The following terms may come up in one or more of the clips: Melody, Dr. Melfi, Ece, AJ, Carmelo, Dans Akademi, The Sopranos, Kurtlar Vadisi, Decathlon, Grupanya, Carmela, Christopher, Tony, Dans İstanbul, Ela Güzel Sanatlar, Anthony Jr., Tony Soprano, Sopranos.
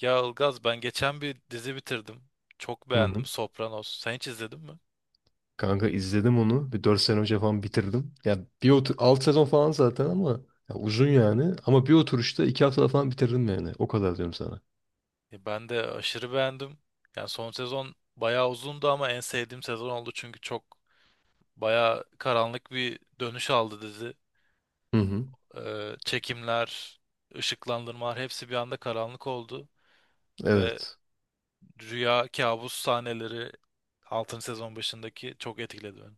Ya Ilgaz ben geçen bir dizi bitirdim. Çok Hı beğendim hı. Sopranos. Sen hiç izledin mi? Kanka izledim onu. Bir 4 sene önce falan bitirdim. Ya bir otur 6 sezon falan zaten ama ya uzun yani. Ama bir oturuşta 2 haftada falan bitirdim yani. O kadar diyorum sana. Ya ben de aşırı beğendim. Yani son sezon bayağı uzundu ama en sevdiğim sezon oldu çünkü çok bayağı karanlık bir dönüş aldı dizi. Hı hı. Çekimler, ışıklandırmalar hepsi bir anda karanlık oldu ve Evet. rüya kabus sahneleri 6. sezon başındaki çok etkiledi beni.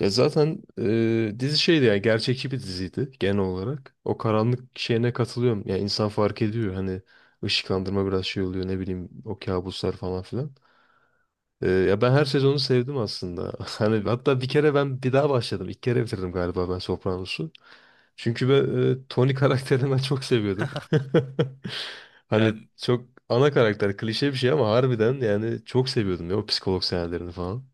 Ya zaten dizi şeydi yani gerçekçi bir diziydi genel olarak. O karanlık şeyine katılıyorum. Yani insan fark ediyor hani ışıklandırma biraz şey oluyor, ne bileyim, o kabuslar falan filan. Ya ben her sezonu sevdim aslında. Hani hatta bir kere ben bir daha başladım. İlk kere bitirdim galiba ben Sopranos'u. Çünkü ben Tony karakterini ben çok seviyordum. Hani Yani çok ana karakter klişe bir şey ama harbiden yani çok seviyordum ya o psikolog sahnelerini falan.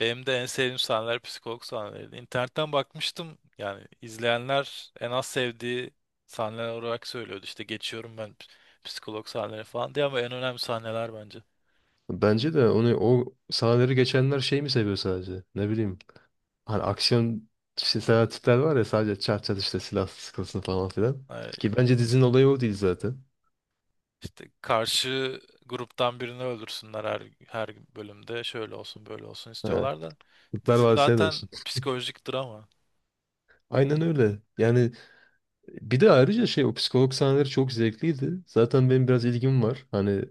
Benim de en sevdiğim sahneler psikolog sahneleriydi. İnternetten bakmıştım, yani izleyenler en az sevdiği sahneler olarak söylüyordu. İşte geçiyorum ben psikolog sahneleri falan diye, ama en önemli sahneler bence. Bence de onu, o sahneleri geçenler şey mi seviyor sadece? Ne bileyim. Hani aksiyon işte seven tipler var ya, sadece çat çat işte silah sıkılsın falan filan. Ee, Ki bence dizinin olayı o değil zaten. İşte karşı gruptan birini öldürsünler her bölümde şöyle olsun böyle olsun Ha, istiyorlar da Kurtlar dizi Vadisi'ne zaten dönsün. psikolojik drama. Aynen öyle. Yani bir de ayrıca şey, o psikolog sahneleri çok zevkliydi. Zaten benim biraz ilgim var. Hani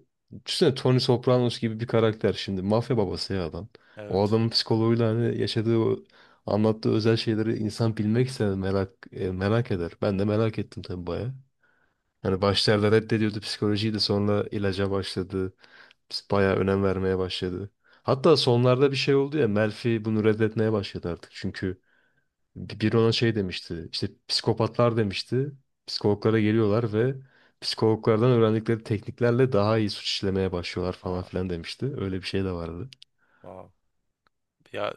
düşünsene Tony Sopranos gibi bir karakter şimdi. Mafya babası ya adam. O Evet. adamın psikoloğuyla hani yaşadığı o anlattığı özel şeyleri insan bilmek ister, merak merak eder. Ben de merak ettim tabii baya. Hani başlarda reddediyordu psikolojiyi de sonra ilaca başladı. Baya önem vermeye başladı. Hatta sonlarda bir şey oldu ya, Melfi bunu reddetmeye başladı artık. Çünkü Biri ona şey demişti. İşte psikopatlar demişti. Psikologlara geliyorlar ve psikologlardan öğrendikleri tekniklerle daha iyi suç işlemeye başlıyorlar falan Ha, filan demişti. Öyle bir şey de vardı. wow. Ya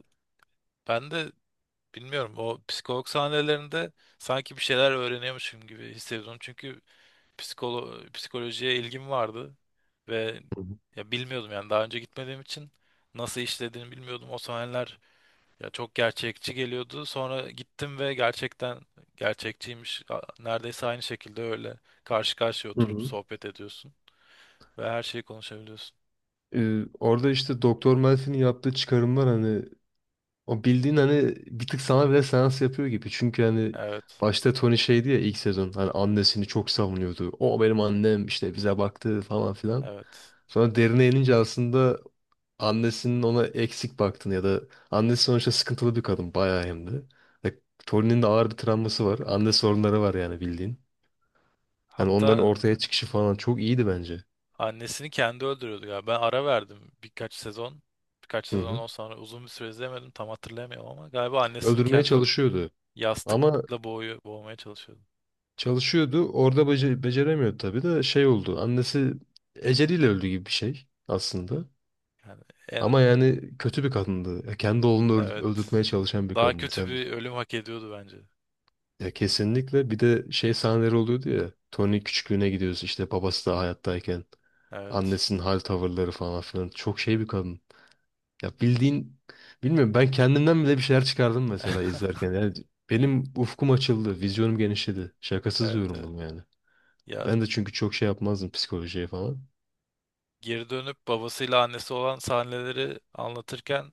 ben de bilmiyorum, o psikolog sahnelerinde sanki bir şeyler öğreniyormuşum gibi hissediyorum. Çünkü psikolojiye ilgim vardı ve Hı hı. ya bilmiyordum, yani daha önce gitmediğim için nasıl işlediğini bilmiyordum. O sahneler ya çok gerçekçi geliyordu. Sonra gittim ve gerçekten gerçekçiymiş. Neredeyse aynı şekilde öyle karşı karşıya Hı oturup hı. sohbet ediyorsun ve her şeyi konuşabiliyorsun. Orada işte Doktor Melfi'nin yaptığı çıkarımlar, hani o bildiğin hani bir tık sana bile seans yapıyor gibi. Çünkü hani Evet. başta Tony şeydi ya, ilk sezon hani annesini çok savunuyordu. O benim annem işte, bize baktı falan filan. Evet. Sonra derine inince aslında annesinin ona eksik baktığını ya da annesi sonuçta sıkıntılı bir kadın bayağı hem de. Ve Tony'nin de ağır bir travması var. Anne sorunları var yani bildiğin. Hani onların Hatta ortaya çıkışı falan çok iyiydi bence. annesini kendi öldürüyordu ya. Ben ara verdim birkaç sezon. Birkaç Hı sezon hı. ondan sonra uzun bir süre izlemedim. Tam hatırlayamıyorum ama galiba annesini Öldürmeye kendi çalışıyordu. Ama yastıkla boğuyor, boğmaya çalışıyordu. çalışıyordu. Orada beceremiyordu tabii de şey oldu. Annesi eceliyle öldü gibi bir şey aslında. Yani Ama en yani kötü bir kadındı. Ya kendi oğlunu evet, öldürtmeye çalışan bir daha kadındı. kötü Sen bir ölüm hak ediyordu bence. ya kesinlikle bir de şey sahneleri oluyordu ya. Tony küçüklüğüne gidiyoruz işte, babası da hayattayken. Evet. Annesinin hal tavırları falan filan. Çok şey bir kadın. Ya bildiğin, bilmiyorum, ben kendimden bile bir şeyler çıkardım mesela izlerken. Yani benim ufkum açıldı, vizyonum genişledi. Şakasız Evet, diyorum evet. bunu yani. Ya Ben de çünkü çok şey yapmazdım psikolojiye falan. geri dönüp babasıyla annesi olan sahneleri anlatırken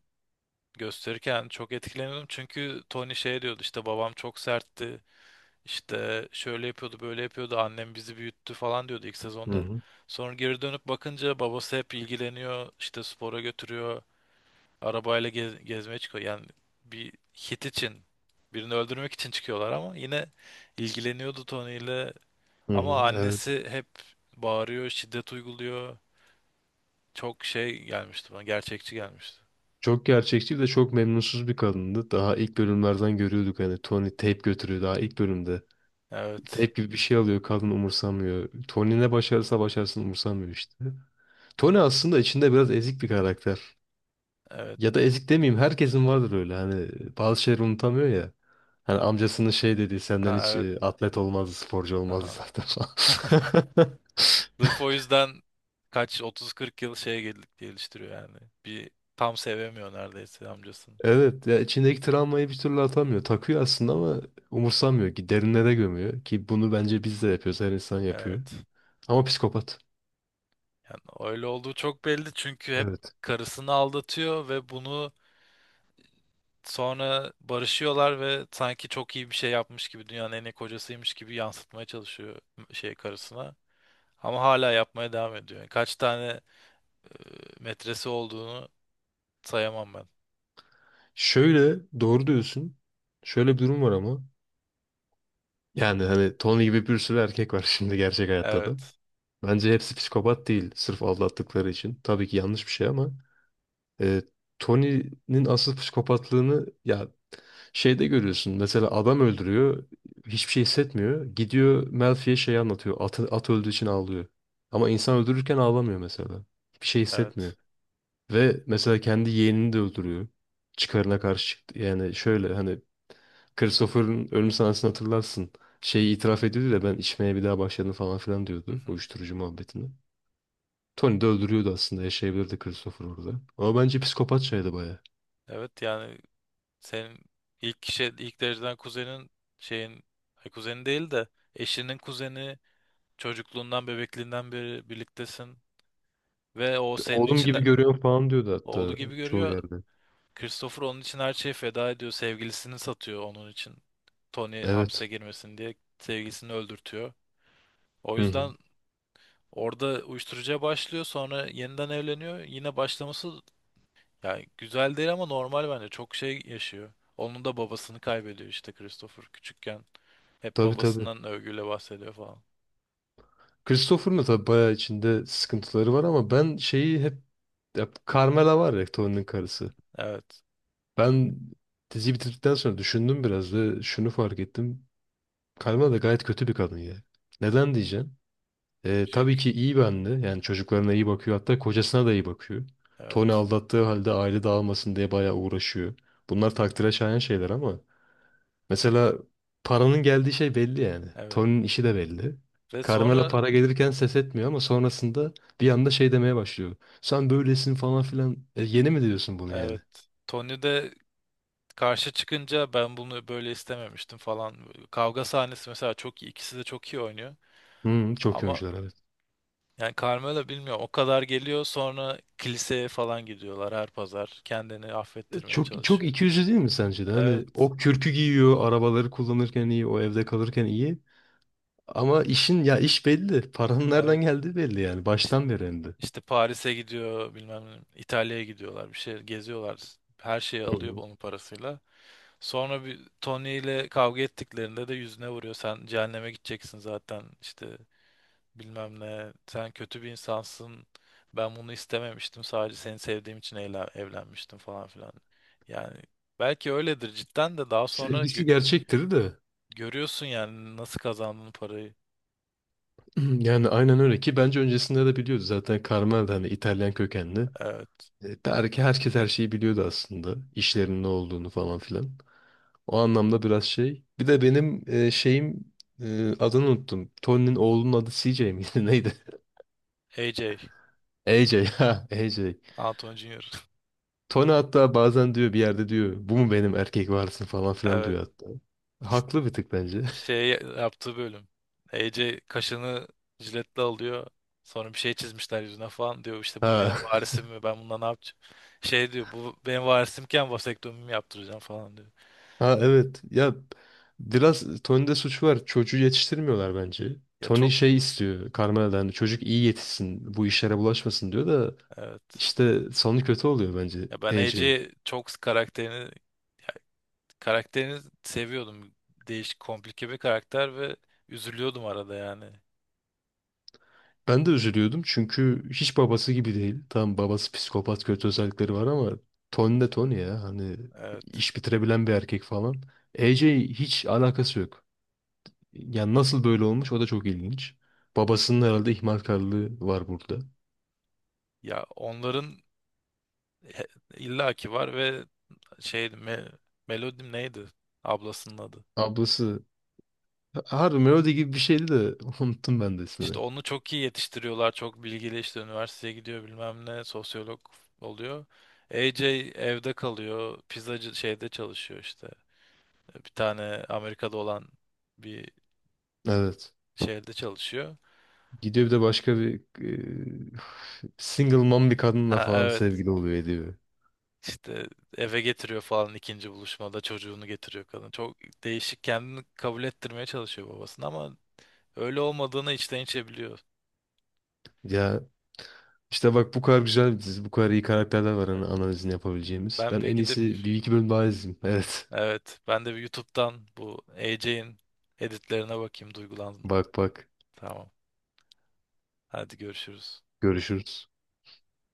gösterirken çok etkileniyordum. Çünkü Tony şey diyordu, işte babam çok sertti. İşte şöyle yapıyordu, böyle yapıyordu. Annem bizi büyüttü falan diyordu ilk Hı sezonda. hı. Sonra geri dönüp bakınca babası hep ilgileniyor, işte spora götürüyor. Arabayla gezmeye çıkıyor. Yani bir hit için, birini öldürmek için çıkıyorlar ama yine ilgileniyordu Tony ile. Hı Ama hı. Evet. annesi hep bağırıyor, şiddet uyguluyor. Çok şey gelmişti bana, gerçekçi gelmişti. Çok gerçekçi, bir de çok memnunsuz bir kadındı. Daha ilk bölümlerden görüyorduk hani, Tony tape götürüyor daha ilk bölümde. Tape Evet, gibi bir şey alıyor, kadın umursamıyor. Tony ne başarırsa başarsın umursamıyor işte. Tony aslında içinde biraz ezik bir karakter. evet, Ya da ezik demeyeyim, herkesin vardır öyle hani bazı şeyleri unutamıyor ya. Hani amcasının şey dediği, senden ha, hiç evet, atlet olmazdı, sporcu olmazdı aha. zaten falan. Sırf o yüzden kaç 30-40 yıl şeye geliştiriyor yani. Bir tam sevemiyor neredeyse amcasını. Evet ya, içindeki travmayı bir türlü atamıyor. Takıyor aslında ama umursamıyor ki, derinlere gömüyor ki, bunu bence biz de yapıyoruz, her insan yapıyor. Evet. Ama psikopat. Yani öyle olduğu çok belli çünkü hep Evet. karısını aldatıyor ve bunu sonra barışıyorlar ve sanki çok iyi bir şey yapmış gibi dünyanın en iyi kocasıymış gibi yansıtmaya çalışıyor şey karısına. Ama hala yapmaya devam ediyor. Yani kaç tane e, metresi olduğunu sayamam ben. Şöyle, doğru diyorsun. Şöyle bir durum var ama. Yani hani Tony gibi bir sürü erkek var şimdi gerçek hayatta da. Evet, Bence hepsi psikopat değil sırf aldattıkları için. Tabii ki yanlış bir şey ama e, Tony'nin asıl psikopatlığını ya şeyde görüyorsun. Mesela adam öldürüyor, hiçbir şey hissetmiyor. Gidiyor Melfi'ye şey anlatıyor, at öldüğü için ağlıyor. Ama insan öldürürken ağlamıyor mesela. Hiçbir şey hissetmiyor. evet. Ve mesela kendi yeğenini de öldürüyor. Çıkarına karşı çıktı. Yani şöyle hani, Christopher'ın ölüm sahnesini hatırlarsın. Şeyi itiraf ediyordu da, ben içmeye bir daha başladım falan filan Hı diyordu. hı. Uyuşturucu muhabbetini. Tony de öldürüyordu aslında, yaşayabilirdi Christopher orada. Ama bence psikopatçaydı baya. Evet yani senin ilk dereceden kuzenin şeyin, ay, kuzeni değil de eşinin kuzeni, çocukluğundan bebekliğinden beri birliktesin ve o senin Oğlum için gibi görüyorum falan diyordu oğlu hatta gibi çoğu görüyor. yerde. Christopher onun için her şeyi feda ediyor. Sevgilisini satıyor onun için. Tony hapse Evet. girmesin diye sevgilisini öldürtüyor. O Hı hı. yüzden orada uyuşturucuya başlıyor. Sonra yeniden evleniyor. Yine başlaması yani güzel değil ama normal bence. Çok şey yaşıyor. Onun da babasını kaybediyor işte Christopher küçükken. Hep Tabii tabii. babasından övgüyle bahsediyor falan. Christopher'ın da tabii bayağı içinde sıkıntıları var ama ben şeyi hep, ya Carmela var ya Tony'nin karısı. Evet. Ben diziyi bitirdikten sonra düşündüm biraz ve şunu fark ettim. Carmela da gayet kötü bir kadın ya. Neden diyeceğim? Tabii Çünkü ki iyi bir anne. Yani çocuklarına iyi bakıyor. Hatta kocasına da iyi bakıyor. Tony evet. aldattığı halde aile dağılmasın diye bayağı uğraşıyor. Bunlar takdire şayan şeyler ama mesela paranın geldiği şey belli yani. Evet. Tony'nin işi de belli. Ve Carmela sonra para gelirken ses etmiyor ama sonrasında bir anda şey demeye başlıyor. Sen böylesin falan filan. E, yeni mi diyorsun bunu yani? evet. Tony de karşı çıkınca ben bunu böyle istememiştim falan. Kavga sahnesi mesela çok iyi. İkisi de çok iyi oynuyor. Hı, çok iyi Ama oyuncular, evet. yani Carmelo bilmiyorum, o kadar geliyor, sonra kiliseye falan gidiyorlar her pazar. Kendini affettirmeye Çok çok çalışıyor. ikiyüzlü değil mi sence de? Hani Evet. o kürkü giyiyor, arabaları kullanırken iyi, o evde kalırken iyi. Ama işin ya, iş belli. Paranın Evet. nereden geldiği belli yani. İşte, Baştan beri hem de. işte Paris'e gidiyor, bilmem ne, İtalya'ya gidiyorlar, bir şey geziyorlar. Her şeyi Hı alıyor hı. onun parasıyla. Sonra bir Tony ile kavga ettiklerinde de yüzüne vuruyor. Sen cehenneme gideceksin zaten, işte bilmem ne, sen kötü bir insansın, ben bunu istememiştim, sadece seni sevdiğim için evlenmiştim falan filan. Yani belki öyledir cidden de daha sonra Sevgisi gerçektir de. görüyorsun yani nasıl kazandığın parayı. Yani aynen öyle, ki bence öncesinde de biliyordu zaten Carmel de, hani İtalyan kökenli. Evet, Belki herkes her şeyi biliyordu aslında. İşlerin ne olduğunu falan filan. O anlamda biraz şey. Bir de benim şeyim, adını unuttum. Tony'nin oğlunun adı CJ miydi neydi? AJ, AJ, ha AJ. Anthony Jr. Tony hatta bazen diyor bir yerde, diyor bu mu benim erkek varisim falan filan Evet, diyor hatta. işte Haklı bir tık bence. şey yaptığı bölüm, AJ kaşını jiletle alıyor, sonra bir şey çizmişler yüzüne falan diyor, işte bu benim Ha. varisim mi, ben bundan ne yapacağım. Şey diyor, bu benim varisimken vasektomimi yaptıracağım falan diyor. Ha, evet. Ya biraz Tony'de suç var. Çocuğu yetiştirmiyorlar bence. Ya Tony çok şey istiyor Carmela'dan. Çocuk iyi yetişsin. Bu işlere bulaşmasın diyor da evet. işte sonu kötü oluyor bence Ya ben AJ'in. Ece çok karakterini ya karakterini seviyordum. Değişik, komplike bir karakter ve üzülüyordum arada yani. Ben de üzülüyordum çünkü hiç babası gibi değil. Tamam, babası psikopat, kötü özellikleri var ama Tony de Tony ya. Hani Evet. iş bitirebilen bir erkek falan. AJ, hiç alakası yok. Yani nasıl böyle olmuş o da çok ilginç. Babasının herhalde ihmalkarlığı var burada. Ya onların he- illaki var ve şeydi, me, Melody neydi? Ablasının adı. Ablası harbi Melody gibi bir şeydi de unuttum ben de İşte ismini. onu çok iyi yetiştiriyorlar. Çok bilgili, işte üniversiteye gidiyor, bilmem ne, sosyolog oluyor. AJ evde kalıyor. Pizzacı şeyde çalışıyor işte. Bir tane Amerika'da olan bir Evet. şehirde çalışıyor. Gidiyor bir de başka bir single mom bir kadınla Ha falan, evet. sevgili oluyor ediyor. İşte eve getiriyor falan, ikinci buluşmada çocuğunu getiriyor kadın. Çok değişik, kendini kabul ettirmeye çalışıyor babasını ama öyle olmadığını içten içe biliyor. Ya işte bak, bu kadar güzel bir dizi, bu kadar iyi karakterler var Evet, hani analizini yapabileceğimiz. Ben Ben bir en gidip iyisi bir iki bölüm daha izleyeyim. Evet. evet ben de bir YouTube'dan bu AJ'in editlerine bakayım, duygulandım. Bak bak. Tamam. Hadi görüşürüz. Görüşürüz.